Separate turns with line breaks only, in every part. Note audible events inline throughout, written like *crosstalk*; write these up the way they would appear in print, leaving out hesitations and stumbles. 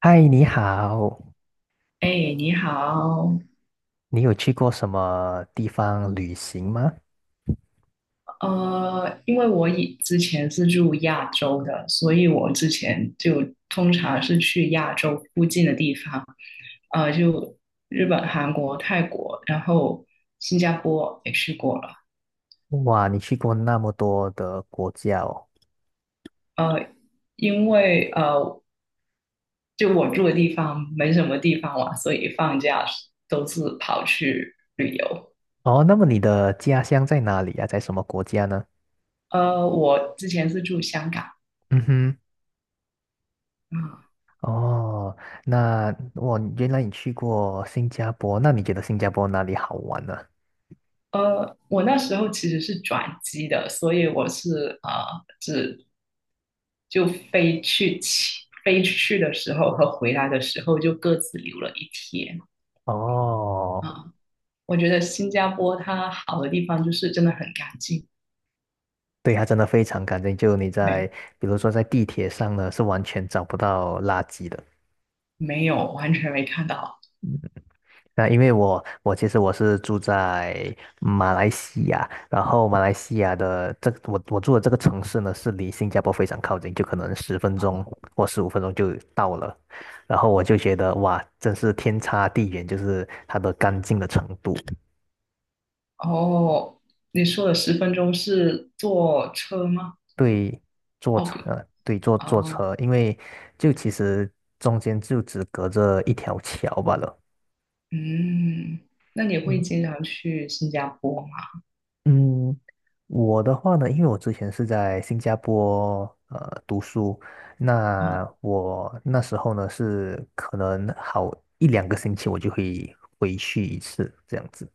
嗨，你好，
哎，你好，
你有去过什么地方旅行吗？
因为我以之前是住亚洲的，所以我之前就通常是去亚洲附近的地方，就日本、韩国、泰国，然后新加坡也去过了，
哇，你去过那么多的国家哦。
呃，因为呃，就我住的地方没什么地方玩，所以放假都是跑去旅游。
哦，那么你的家乡在哪里啊？在什么国家呢？
我之前是住香港，
嗯哼，
啊。
哦，那我原来你去过新加坡，那你觉得新加坡哪里好玩呢？
我那时候其实是转机的，所以我是只就飞去起飞去的时候和回来的时候就各自留了一天
哦，
啊、我觉得新加坡它好的地方就是真的很干净，
对，它真的非常干净，就你在，
没
比如说在地铁上呢，是完全找不到垃圾的。
没有完全没看到。
那因为我我其实我是住在马来西亚，然后马来西亚的这个我住的这个城市呢，是离新加坡非常靠近，就可能10分钟或15分钟就到了。然后我就觉得哇，真是天差地远，就是它的干净的程度。
哦，你说的十分钟是坐车吗？
对，坐
哦
车，
不，
对，坐坐
哦，
车，因为就其实中间就只隔着一条桥罢了。
嗯，那你会
嗯
经常去新加坡吗？
嗯，我的话呢，因为我之前是在新加坡读书，那
啊。
我那时候呢是可能好一两个星期我就会回去一次这样子。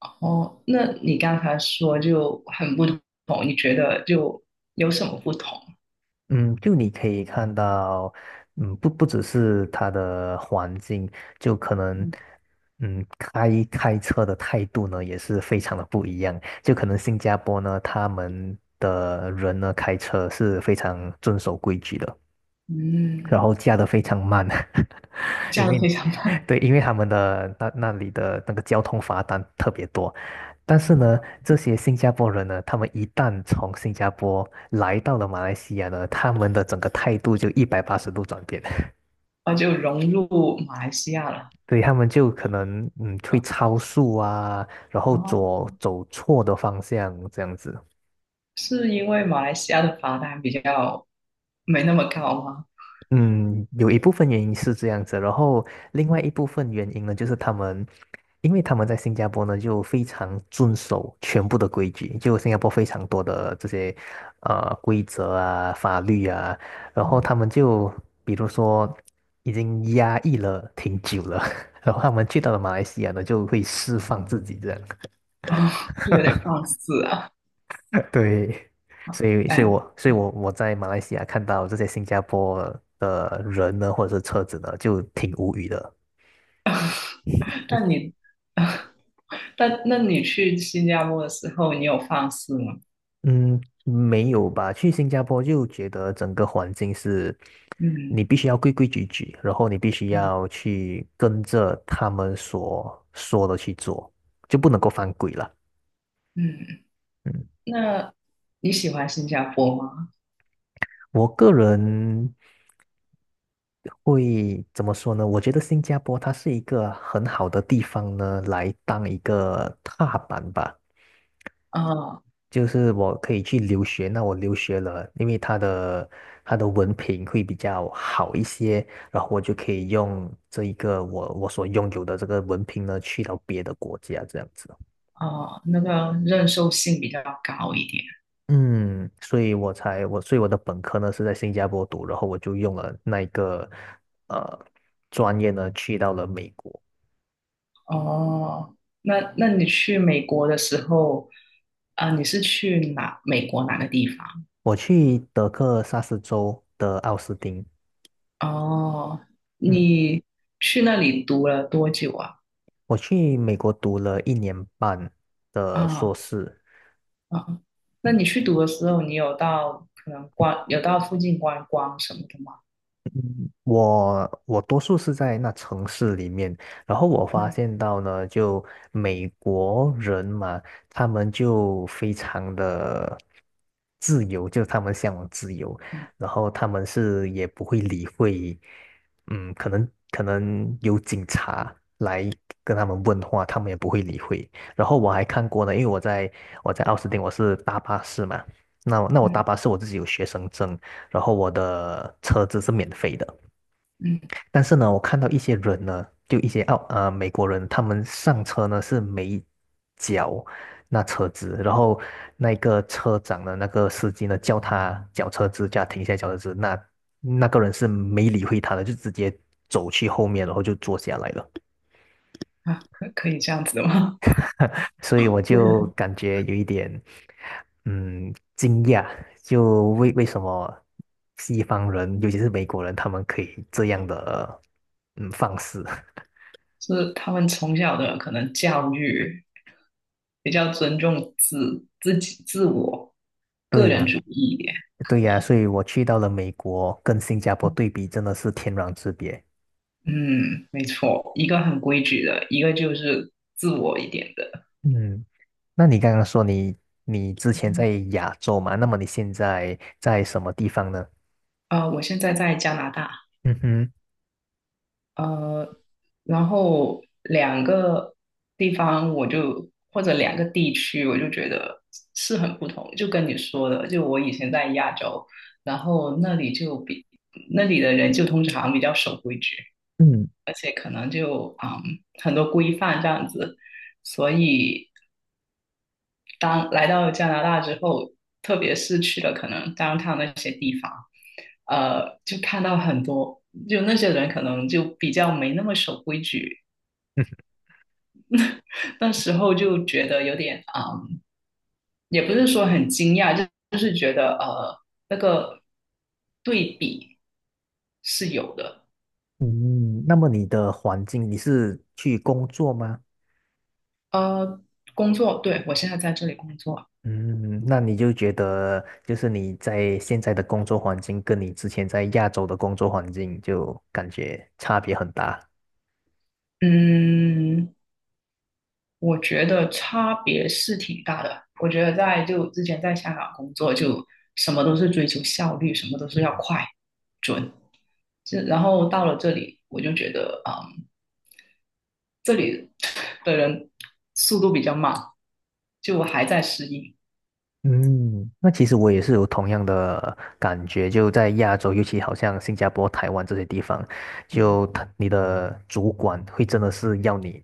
哦，那你刚才说就很不同，你觉得就有什么不同？
嗯，就你可以看到，不只是他的环境，就可能，
嗯，
开车的态度呢也是非常的不一样。就可能新加坡呢，他们的人呢开车是非常遵守规矩的。然
嗯
后驾的非常慢，*laughs*
这
因
样
为
非常棒，
对，因为他们的那里的那个交通罚单特别多。但是呢，这些新加坡人呢，他们一旦从新加坡来到了马来西亚呢，他们的整个态度就180度转变，
*laughs* 那就融入马来西亚了。
*laughs* 对，他们就可能会超速啊，然后
哦，
左走错的方向这样子。
是因为马来西亚的罚单比较没那么高吗？
嗯，有一部分原因是这样子，然后另外一部分原因呢，就是他们，因为他们在新加坡呢就非常遵守全部的规矩，就新加坡非常多的这些规则啊、法律啊，然后
嗯，
他们就比如说已经压抑了挺久了，*laughs* 然后他们去到了马来西亚呢就会释放自己这样，
哦，就有点放肆啊。
*laughs* 对，所以所以
但
我所以我我在马来西亚看到这些新加坡的人呢或者是车子呢就挺无语的。
但你，*laughs* 但那你去新加坡的时候，你有放肆吗？
嗯，没有吧？去新加坡就觉得整个环境是，你
嗯
必须要规规矩矩，然后你必须
嗯
要去跟着他们所说的去做，就不能够犯规了。
嗯，
嗯，
那你喜欢新加坡吗？
我个人会怎么说呢？我觉得新加坡它是一个很好的地方呢，来当一个踏板吧。
啊、
就是我可以去留学，那我留学了，因为他的文凭会比较好一些，然后我就可以用这一个我所拥有的这个文凭呢，去到别的国家这样子。
哦，那个认受性比较高一点。
嗯，所以我的本科呢是在新加坡读，然后我就用了那一个呃专业呢去到了美国，
哦，那你去美国的时候，啊、你是去哪？美国哪个地方？
我去德克萨斯州的奥斯汀，
哦，
嗯，
你去那里读了多久啊？
我去美国读了1年半的硕
啊、
士。
啊、那
嗯
你去读的时候，你有到可能观，有到附近观光什么的吗？
我多数是在那城市里面，然后我发
嗯
现到呢，就美国人嘛，他们就非常的自由，就他们向往自由，
嗯
然后他们是也不会理会，可能有警察来跟他们问话，他们也不会理会。然后我还看过呢，因为我在奥斯汀，我是搭巴士嘛，那我搭
嗯
巴士我自己有学生证。然后我的车子是免费的。
嗯，
但是呢，我看到一些人呢，就一些美国人，他们上车呢是没脚那车子，然后那个车长的那个司机呢叫他脚车资，叫他停下来缴车子，那那个人是没理会他的，就直接走去后面，然后就坐下来了，
啊，可以这样子的吗？
*laughs* 所以我就
*laughs*
感觉有一点惊讶，就为什么西方人，尤其是美国人，他们可以这样的放肆。*laughs*
就是他们从小的可能教育比较尊重自己、自我、
对
个人
呀，
主义一点。
对呀，所以我去到了美国，跟新加坡对比真的是天壤之别。
嗯，没错，一个很规矩的，一个就是自我一点的。
嗯，那你刚刚说你之前在亚洲嘛，那么你现在在什么地方呢？
啊，我现在在加拿大。
嗯哼，
呃，然后两个地方我就或者两个地区，我就觉得是很不同。就跟你说的，就我以前在亚洲，然后那里就比那里的人就通常比较守规矩，
嗯
而且可能就很多规范这样子，所以当来到加拿大之后，特别是去了可能 downtown 那些地方，就看到很多，就那些人可能就比较没那么守规矩，
嗯
那时候就觉得有点也不是说很惊讶，就就是觉得那个对比是有的。
嗯，那么你的环境，你是去工作吗？
呃，工作，对，我现在在这里工作，
嗯，那你就觉得就是你在现在的工作环境跟你之前在亚洲的工作环境就感觉差别很大。
嗯，我觉得差别是挺大的。我觉得在就之前在香港工作，就什么都是追求效率，什么都是要快准。这然后到了这里，我就觉得，嗯，这里的人速度比较慢，就我还在适应。
嗯，那其实我也是有同样的感觉，就在亚洲，尤其好像新加坡、台湾这些地方，就
嗯，
你的主管会真的是要你，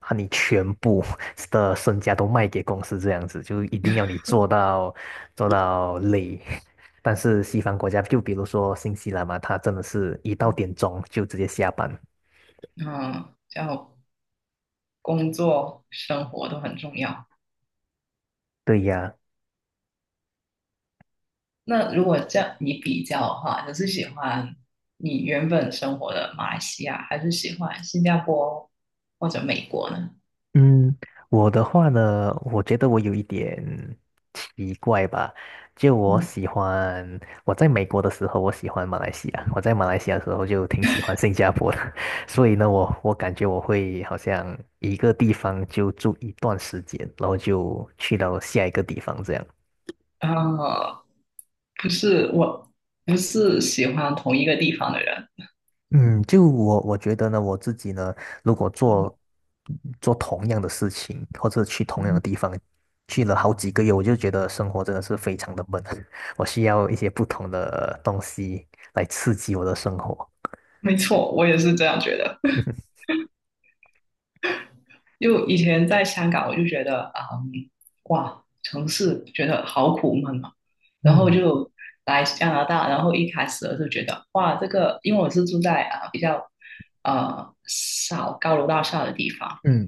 把你全部 *laughs* 的身家都卖给公司这样子，就一定要你做到累。*laughs* 但是西方国家，就比如说新西兰嘛，他真的是一到点钟就直接下班。
嗯，叫工作生活都很重要。
对呀，
那如果这样你比较的话，你是喜欢你原本生活的马来西亚，还是喜欢新加坡或者美国呢？
嗯，我的话呢，我觉得我有一点奇怪吧。就我
嗯，
喜欢，我在美国的时候，我喜欢马来西亚；我在马来西亚的时候，就挺喜欢新加坡的。*laughs* 所以呢，我感觉我会好像一个地方就住一段时间，然后就去到下一个地方这样。
啊，不是我，不是喜欢同一个地方的人。
嗯，就我觉得呢，我自己呢，如果
嗯，
做同样的事情，或者去同样的
嗯,
地方，去了好几个月，我就觉得生活真的是非常的闷，*laughs* 我需要一些不同的东西来刺激我的生活。
没错，我也是这样觉得。就以前在香港，我就觉得，嗯，哇，城市觉得好苦闷啊。然后
嗯
就来加拿大，然后一开始我就觉得，哇，这个，因为我是住在啊、比较少高楼大厦的地方，
嗯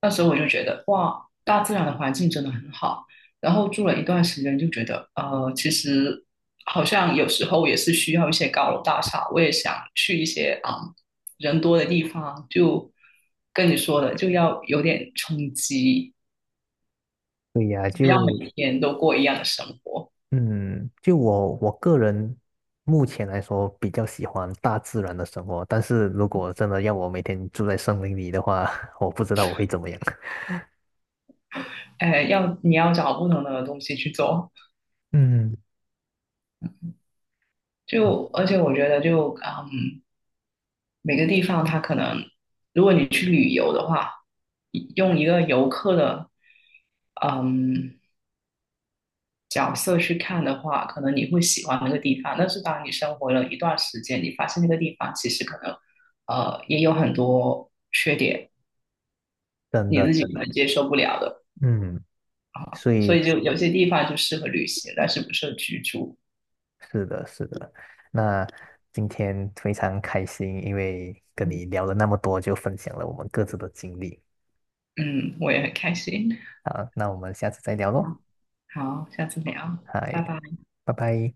那时候我就觉得，哇，大自然的环境真的很好。然后住了一段时间，就觉得，其实好像有时候也是需要一些高楼大厦。我也想去一些人多的地方，就跟你说的，就要有点冲击，
对呀，
不要
就
每天都过一样的生活。
嗯，就我个人目前来说比较喜欢大自然的生活，但是如果真的要我每天住在森林里的话，*laughs* 我不知道我会怎么样。*laughs*
哎，要你要找不同的东西去做。
嗯，
就而且我觉得每个地方它可能，如果你去旅游的话，用一个游客的嗯角色去看的话，可能你会喜欢那个地方。但是当你生活了一段时间，你发现那个地方其实可能也有很多缺点，
真
你
的，
自己
真
可能
的，
接受不了的。
嗯。所
所
以
以就有些地方就适合旅行，但是不适合居住。
是的，是的。那今天非常开心，因为跟
嗯，
你聊了那么多，就分享了我们各自的经历。
嗯，我也很开心。
好，那我们下次再聊喽。
好，下次聊，
嗨，
拜拜。
拜拜。